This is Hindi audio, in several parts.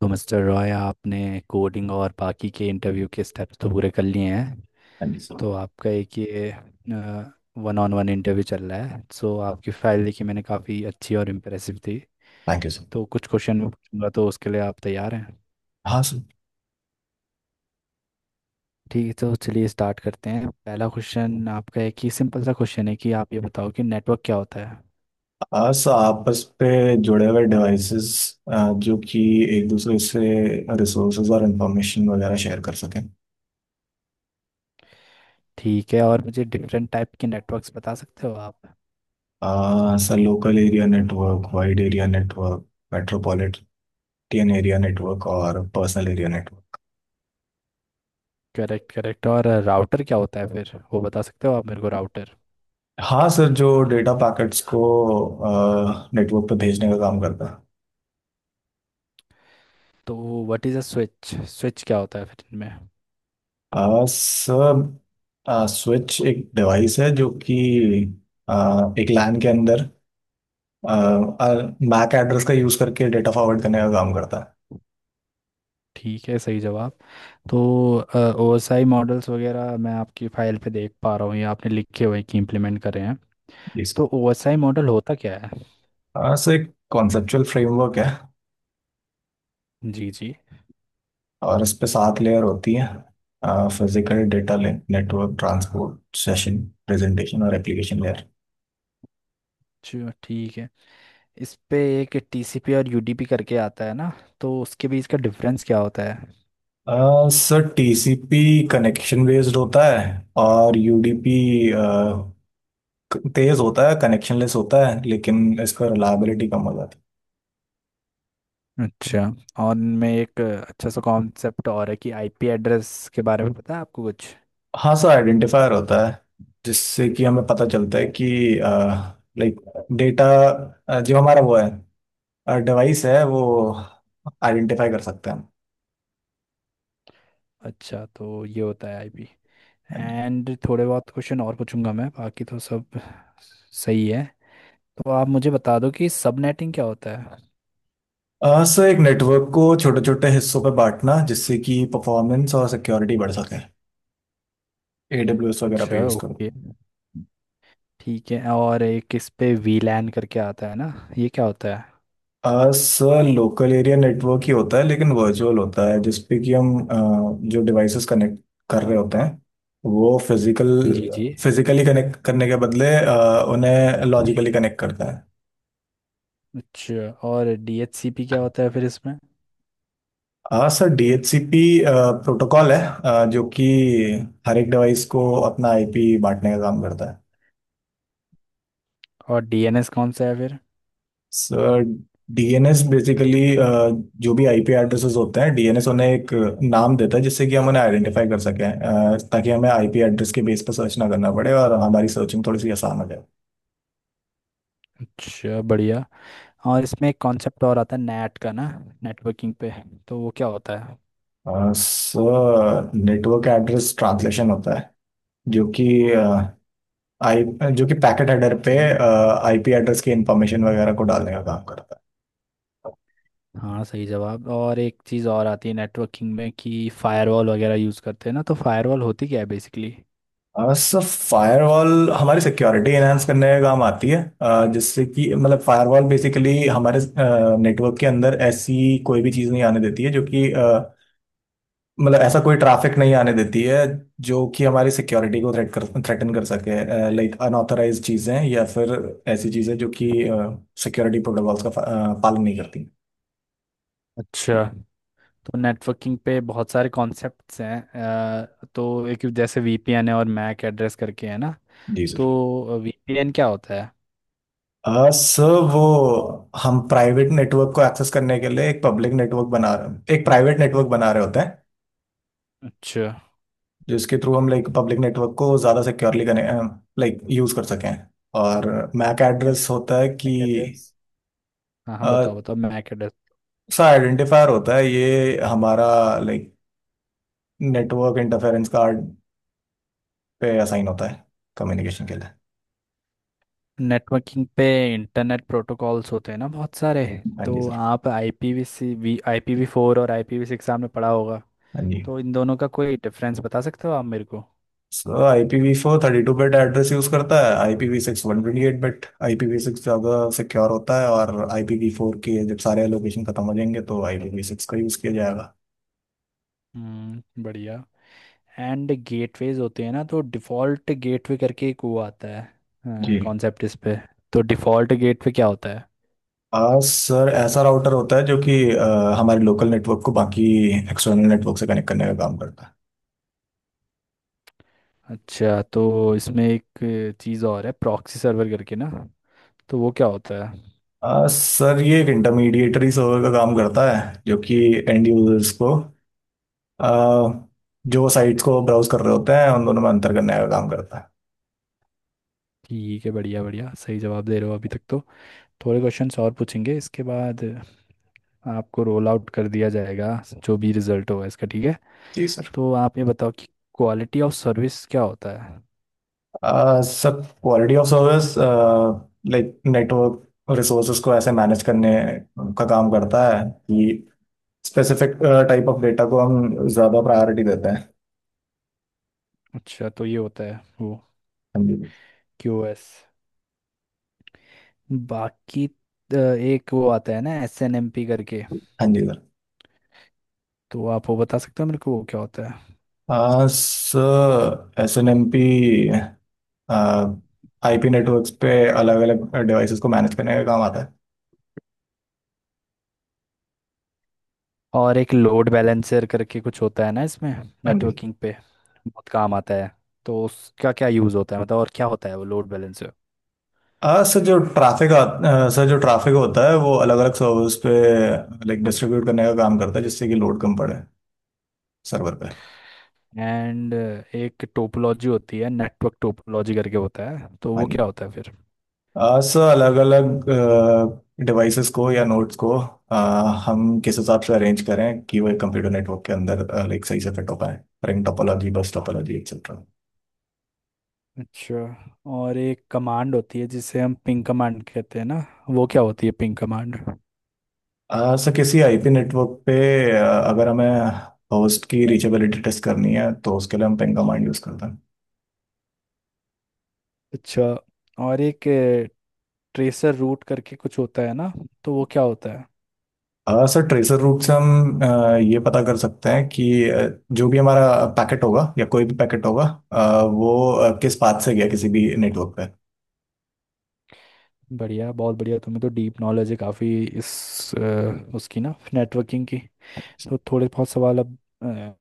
तो मिस्टर रॉय आपने कोडिंग और बाकी के इंटरव्यू के स्टेप्स तो पूरे कर लिए हैं। Thank you sir. तो आपका एक ये वन ऑन वन इंटरव्यू चल रहा है। सो आपकी फाइल देखी मैंने, काफ़ी अच्छी और इम्प्रेसिव थी। Thank you sir. तो कुछ क्वेश्चन मैं पूछूंगा, तो उसके लिए आप तैयार हैं? हाँ सर। ठीक है, तो चलिए स्टार्ट करते हैं। पहला क्वेश्चन आपका है, कि सिंपल सा क्वेश्चन है कि आप ये बताओ कि नेटवर्क क्या होता है। हाँ सर, आपस पे जुड़े हुए डिवाइसेस जो कि एक दूसरे से रिसोर्सेज और इंफॉर्मेशन वगैरह शेयर कर सकें। ठीक है, और मुझे डिफरेंट टाइप के नेटवर्क्स बता सकते हो आप? Sir, local area network, wide area network, metropolitan area network और personal area network. Correct correct. और राउटर क्या होता है फिर, वो बता सकते हो आप मेरे को, राउटर? हाँ सर, जो डेटा पैकेट्स को नेटवर्क पे भेजने का काम करता है। तो what is a switch, switch क्या होता है फिर इनमें? सर, स्विच एक डिवाइस है जो कि एक लैन के अंदर मैक एड्रेस का यूज करके डेटा फॉरवर्ड करने का काम करता है। ठीक है, सही जवाब। तो ओएसआई मॉडल्स वगैरह मैं आपकी फाइल पे देख पा रहा हूँ, ये आपने लिखे हुए हैं कि इम्प्लीमेंट करे हैं। जी तो सर। ओएसआई मॉडल होता क्या है? हाँ, सो एक कॉन्सेप्चुअल फ्रेमवर्क है जी जी। और इस पे सात लेयर होती है। Physical, data link, network, transport, session, presentation और एप्लीकेशन लेयर। चलो ठीक है। इस पे एक टीसीपी और यूडीपी करके आता है ना, तो उसके बीच का डिफरेंस क्या होता है? सर, टीसीपी कनेक्शन बेस्ड होता है। और यूडीपी uh, तेज होता है, कनेक्शन लेस होता है, लेकिन इसका रिलायबिलिटी कम हो जाती है। अच्छा। और इनमें एक अच्छा सा कॉन्सेप्ट और है, कि आईपी एड्रेस के बारे में पता है आपको कुछ? हाँ सर, आइडेंटिफायर होता है जिससे कि हमें पता चलता है कि, लाइक, डेटा जो हमारा वो है, डिवाइस है वो आइडेंटिफाई कर सकते हैं अच्छा, तो ये होता है आईपी। हम। एंड थोड़े बहुत क्वेश्चन और पूछूंगा मैं, बाकी तो सब सही है। तो आप मुझे बता दो कि सबनेटिंग क्या होता है। सर, एक नेटवर्क को छोटे छोटे हिस्सों पर बांटना जिससे कि परफॉर्मेंस और सिक्योरिटी बढ़ सके। एडब्ल्यूएस वगैरह पे अच्छा, यूज़ करो। ओके, ठीक है। और एक इस पे वीलैन करके आता है ना, ये क्या होता है? सर, लोकल एरिया नेटवर्क ही होता है लेकिन वर्चुअल होता है, जिसपे कि हम, जो डिवाइसेस कनेक्ट कर रहे होते हैं वो जी जी। फिजिकली कनेक्ट करने के बदले उन्हें लॉजिकली कनेक्ट करता है। अच्छा, और डीएचसीपी क्या होता है फिर इसमें? हाँ सर, DHCP प्रोटोकॉल है, जो कि हर एक डिवाइस को अपना आईपी बांटने का काम करता है। और डीएनएस कौन सा है फिर? सर, डीएनएस बेसिकली, जो भी आईपी एड्रेसेस होते हैं, डीएनएस उन्हें एक नाम देता है जिससे कि हम उन्हें आइडेंटिफाई कर सकें, ताकि हमें आईपी एड्रेस के बेस पर सर्च ना करना पड़े और हमारी सर्चिंग थोड़ी सी आसान हो जाए। अच्छा, बढ़िया। और इसमें एक कॉन्सेप्ट और आता है, नेट का ना, नेटवर्किंग पे, तो वो क्या होता है? सर, नेटवर्क एड्रेस ट्रांसलेशन होता है जो कि अ, आई जो कि पैकेट हेडर पे जी, आईपी एड्रेस की इंफॉर्मेशन वगैरह को डालने का काम करता है। हाँ, सही जवाब। और एक चीज़ और आती है नेटवर्किंग में, कि फायरवॉल वगैरह यूज़ करते हैं ना, तो फायरवॉल होती क्या है बेसिकली? हाँ सर, फायरवॉल हमारी सिक्योरिटी एनहांस करने का काम आती है, जिससे कि, मतलब, फायरवॉल बेसिकली हमारे नेटवर्क के अंदर ऐसी कोई भी चीज़ नहीं आने देती है जो कि, मतलब, ऐसा कोई ट्रैफिक नहीं आने देती है जो कि हमारी सिक्योरिटी को थ्रेटन कर सके। लाइक, अनऑथराइज चीज़ें या फिर ऐसी चीज़ें जो कि सिक्योरिटी प्रोटोकॉल्स का पालन नहीं करती। अच्छा। तो नेटवर्किंग पे बहुत सारे कॉन्सेप्ट्स हैं। तो एक जैसे वीपीएन है और मैक एड्रेस करके है ना, जी सर। तो वीपीएन क्या होता है? सर, वो, हम प्राइवेट नेटवर्क को एक्सेस करने के लिए एक प्राइवेट नेटवर्क बना रहे होते हैं, अच्छा। जिसके थ्रू हम, लाइक, पब्लिक नेटवर्क को ज़्यादा सिक्योरली कनेक्ट लाइक यूज़ कर सकें। और मैक एड्रेस होता है कि मैक एड्रेस, हाँ हाँ, बताओ अ, बताओ, मैक एड्रेस। सा आइडेंटिफायर होता है, ये हमारा, लाइक, नेटवर्क इंटरफेरेंस कार्ड पे असाइन होता है कम्युनिकेशन के लिए। नेटवर्किंग पे इंटरनेट प्रोटोकॉल्स होते हैं ना बहुत सारे, हाँ जी तो सर। आप आईपीवी, आईपीवी फोर और आईपीवी सिक्स आपने पढ़ा होगा, हाँ जी। तो इन दोनों का कोई डिफरेंस बता सकते हो आप मेरे को? So I P v four 32 bit address use करता है, I P v six 128 bit. I P v six ज़्यादा सिक्योर होता है, और आई पी वी फोर के जब सारे एलोकेशन खत्म हो जाएंगे तो आई पी वी सिक्स का यूज़ किया जाएगा। बढ़िया। एंड गेटवेज होते हैं ना, तो डिफ़ॉल्ट गेटवे करके एक वो आता है जी। कॉन्सेप्ट इस पे, तो डिफ़ॉल्ट गेटवे क्या होता है? सर, ऐसा राउटर होता है जो कि, हमारे लोकल नेटवर्क को बाकी एक्सटर्नल नेटवर्क से कनेक्ट करने का काम करता है। अच्छा, तो इसमें एक चीज़ और है प्रॉक्सी सर्वर करके ना, तो वो क्या होता है? सर, ये एक इंटरमीडिएटरी सर्वर का काम करता है जो कि एंड यूजर्स को, आ, जो साइट्स को ब्राउज कर रहे होते हैं, उन दोनों में अंतर करने का काम करता है। ठीक है, बढ़िया बढ़िया, सही जवाब दे रहे हो अभी तक तो। थोड़े क्वेश्चंस और पूछेंगे, इसके बाद आपको रोल आउट कर दिया जाएगा, जो भी रिजल्ट होगा इसका, ठीक है? जी सर। तो आप ये बताओ कि क्वालिटी ऑफ सर्विस क्या होता है। Sir, quality of service, like, network resources को ऐसे मैनेज करने का काम करता है कि स्पेसिफिक टाइप ऑफ डेटा को हम ज़्यादा प्रायोरिटी देते हैं। अच्छा, तो ये होता है वो हाँ जी। क्यूओएस। बाकी एक वो आता है ना एस एन एम पी करके, हाँ जी सर। तो आप वो बता सकते हो मेरे को वो क्या होता है? Sir, S N M P I P networks पे अलग अलग डिवाइसेस को मैनेज करने का काम आता है। और एक लोड बैलेंसर करके कुछ होता है ना इसमें, हाँ जी। नेटवर्किंग पे बहुत काम आता है, तो उसका क्या यूज़ होता है, मतलब और क्या होता है वो लोड बैलेंसर? आ, सर जो ट्रैफिक सर, जो ट्रैफिक होता है वो अलग अलग सर्वर्स पे, लाइक, डिस्ट्रीब्यूट करने का काम करता है जिससे कि लोड कम पड़े सर्वर पे। एंड एक टोपोलॉजी होती है, नेटवर्क टोपोलॉजी करके होता है, तो हाँ वो जी। क्या होता है फिर? सर, अलग अलग डिवाइसेस को या नोड्स को, हम किस हिसाब से अरेंज करें कि वो एक कंप्यूटर नेटवर्क के अंदर, लाइक, सही से फिट हो पाए। Ring topology, bus topology, etcetera. अच्छा, और एक कमांड होती है जिसे हम पिंग कमांड कहते हैं ना, वो क्या होती है पिंग कमांड? सर, किसी आईपी नेटवर्क पे, अगर हमें होस्ट की रीचेबिलिटी टेस्ट करनी है तो उसके लिए हम पिंग कमांड यूज़ करते हैं। अच्छा, और एक ट्रेसर रूट करके कुछ होता है ना, तो वो क्या होता है? सर, ट्रेसर रूट से हम ये पता कर सकते हैं कि, आ, जो भी हमारा पैकेट होगा या कोई भी पैकेट होगा, वो किस पाथ से गया किसी भी नेटवर्क पे। बढ़िया, बहुत बढ़िया, तुम्हें तो डीप नॉलेज है काफ़ी इस उसकी ना, नेटवर्किंग की। तो थोड़े बहुत सवाल अब अ,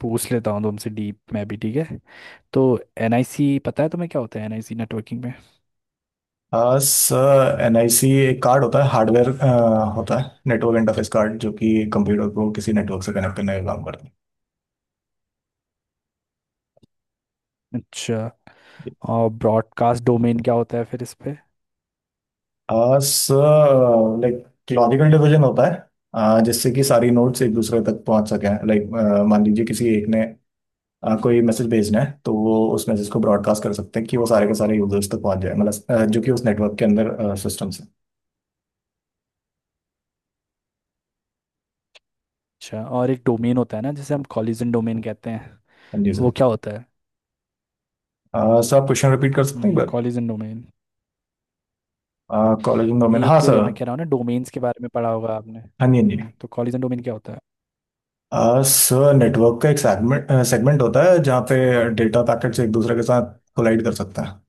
पूछ लेता हूँ तुमसे, डीप में भी, ठीक है? तो एनआईसी पता है तुम्हें क्या होता है एनआईसी नेटवर्किंग में? सर, एनआईसी एक कार्ड होता है, हार्डवेयर होता है, नेटवर्क इंटरफेस कार्ड जो कि कंप्यूटर को किसी नेटवर्क से कनेक्ट करने का काम करता अच्छा, है। और ब्रॉडकास्ट डोमेन क्या होता है फिर इस पे? सर, लाइक, लॉजिकल डिवीजन होता है, जिससे कि सारी नोट्स एक दूसरे तक पहुंच सके। लाइक, मान लीजिए किसी एक ने कोई मैसेज भेजना है तो वो उस मैसेज को ब्रॉडकास्ट कर सकते हैं कि वो सारे के सारे यूजर्स तक पहुंच जाए, मतलब जो कि उस नेटवर्क के अंदर सिस्टम से। अच्छा, और एक डोमेन होता है ना जिसे हम कॉलिजन डोमेन कहते हैं, हाँ जी सर। वो क्या होता है? सर, आप क्वेश्चन रिपीट कर सकते हैं एक कॉलिजन डोमेन, बार? Collision domain. हाँ एक सर। मैं कह रहा हूँ ना, डोमेन्स के बारे में पढ़ा होगा आपने, हाँ जी। हाँ जी। हम्म, तो कॉलिजन डोमेन क्या होता है? सर, नेटवर्क का एक सेगमेंट सेगमेंट होता है जहाँ पे डेटा पैकेट्स एक दूसरे के साथ कोलाइड कर सकता है।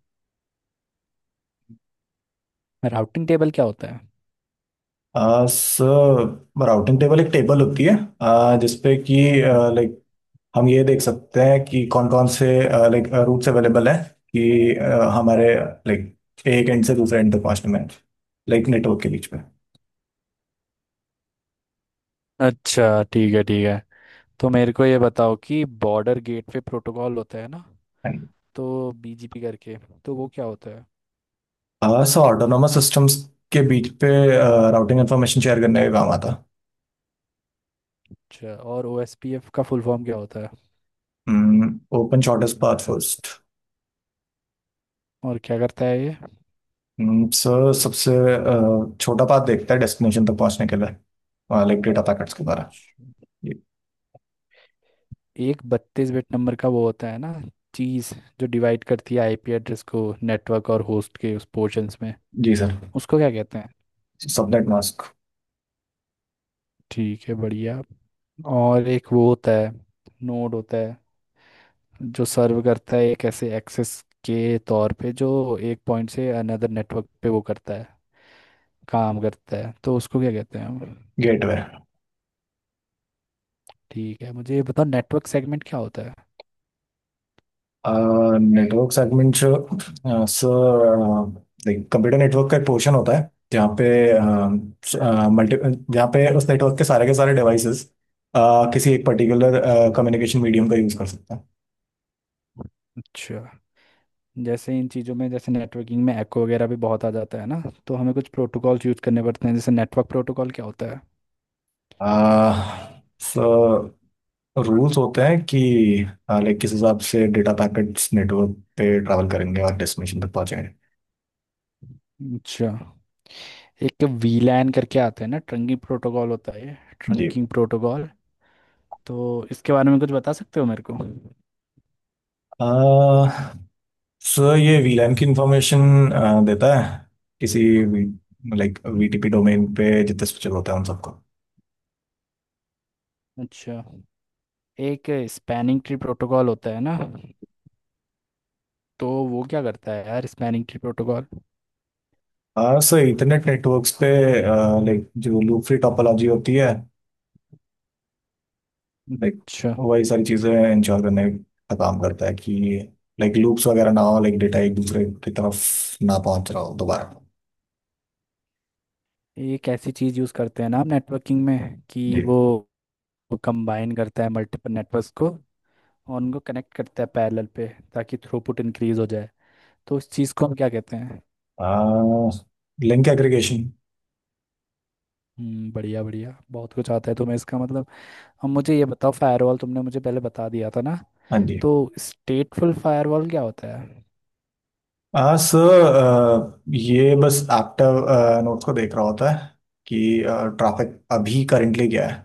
राउटिंग टेबल क्या होता है? सर, राउटिंग टेबल एक टेबल होती है, जिसपे कि, लाइक, हम ये देख सकते हैं कि कौन कौन से, लाइक, रूट्स अवेलेबल हैं कि, हमारे, लाइक, एक एंड से दूसरे एंड तक पहुंचने में, लाइक, नेटवर्क के बीच में। अच्छा, ठीक है ठीक है। तो मेरे को ये बताओ कि बॉर्डर गेट पे प्रोटोकॉल होता है ना, तो बीजीपी करके, तो वो क्या होता है? सो ऑटोनोमस सिस्टम्स के बीच पे राउटिंग इंफॉर्मेशन शेयर करने का काम आता। अच्छा, और ओएसपीएफ का फुल फॉर्म क्या होता है? Open shortest path first. और क्या करता है? सर, सबसे छोटा पाथ देखता है डेस्टिनेशन तक पहुंचने के लिए, लाइक, डेटा पैकेट्स के द्वारा। ये एक 32 बिट नंबर का वो होता है ना, चीज, जो डिवाइड करती है आईपी एड्रेस को नेटवर्क और होस्ट के उस पोर्शंस में, जी सर। उसको क्या कहते हैं? Subnet mask. ठीक है, बढ़िया। और एक वो होता है, नोड होता है जो सर्व करता है एक ऐसे एक्सेस के तौर पे, जो एक पॉइंट से अनदर नेटवर्क पे वो करता है, काम करता है, तो उसको क्या कहते हैं हम? गेटवे। ठीक है, मुझे ये बताओ नेटवर्क सेगमेंट क्या होता है। नेटवर्क सेगमेंट, जो, सर, कंप्यूटर नेटवर्क का एक पोर्शन होता है जहाँ पे मल्टी जहाँ पे उस नेटवर्क के सारे डिवाइसेस किसी एक पर्टिकुलर अच्छा, कम्युनिकेशन मीडियम का यूज़ कर सकते हैं। अच्छा। जैसे इन चीज़ों में, जैसे नेटवर्किंग में एको वगैरह भी बहुत आ जाता है ना, तो हमें कुछ प्रोटोकॉल्स यूज़ करने पड़ते हैं। जैसे नेटवर्क प्रोटोकॉल क्या होता है? सो रूल्स होते हैं कि, लाइक, किस हिसाब से डेटा पैकेट्स नेटवर्क पे ट्रैवल करेंगे और डेस्टिनेशन तक पहुंचेंगे। अच्छा, एक वीलैन करके आता है ना, ट्रंकिंग प्रोटोकॉल होता है ये, जी ट्रंकिंग प्रोटोकॉल, तो इसके बारे में कुछ बता सकते हो मेरे को सर, ये वीलैन की इंफॉर्मेशन देता है किसी, लाइक, वीटीपी डोमेन पे जितने स्विचर होते हैं उन सबको। अच्छा, एक स्पैनिंग ट्री प्रोटोकॉल होता है ना, तो वो क्या करता है यार, स्पैनिंग ट्री प्रोटोकॉल? हाँ सर, इंटरनेट नेटवर्क्स पे, लाइक, जो लूप फ्री टोपोलॉजी होती है, लाइक, अच्छा, वही सारी चीज़ें इंश्योर करने का काम करता है कि, लाइक, लूप्स वगैरह ना हो, लाइक, डेटा एक दूसरे की तरफ ना पहुंच रहा हो दोबारा। एक ऐसी चीज़ यूज़ करते हैं ना आप नेटवर्किंग में कि जी। वो कंबाइन करता है मल्टीपल नेटवर्क्स को, और उनको कनेक्ट करता है पैरेलल पे, ताकि थ्रूपुट इंक्रीज हो जाए, तो उस चीज़ को हम क्या कहते हैं? Link aggregation. बढ़िया बढ़िया, बहुत कुछ आता है तुम्हें, इसका मतलब। अब मुझे ये बताओ, फायरवॉल तुमने मुझे पहले बता दिया था ना, हाँ जी। तो स्टेटफुल फायरवॉल क्या होता है? हाँ सर, ये बस एक्टिव नोट को देख रहा होता है कि ट्रैफिक अभी करंटली क्या है।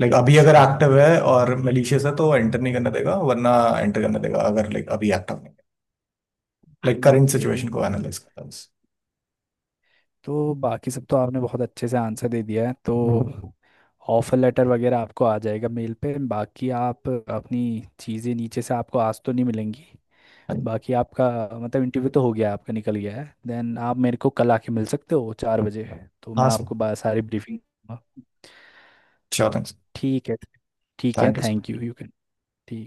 लाइक, अभी अगर अच्छा, एक्टिव है और मलिशियस है तो एंटर नहीं करने देगा, वरना एंटर करने देगा अगर, लाइक, अभी एक्टिव नहीं है। लाइक, करंट ओके, सिचुएशन को एनालाइज करता है बस। तो बाकी सब तो आपने बहुत अच्छे से आंसर दे दिया है। तो ऑफर लेटर वगैरह आपको आ जाएगा मेल पे। बाकी आप अपनी चीज़ें नीचे से आपको आज तो नहीं मिलेंगी। बाकी आपका, मतलब इंटरव्यू तो हो गया आपका, निकल गया है, देन आप मेरे को कल आके मिल सकते हो 4 बजे, तो हाँ मैं सर। आपको सारी ब्रीफिंग। श्योर। थैंक्स, ठीक है। ठीक है, thank you. Thank you. You can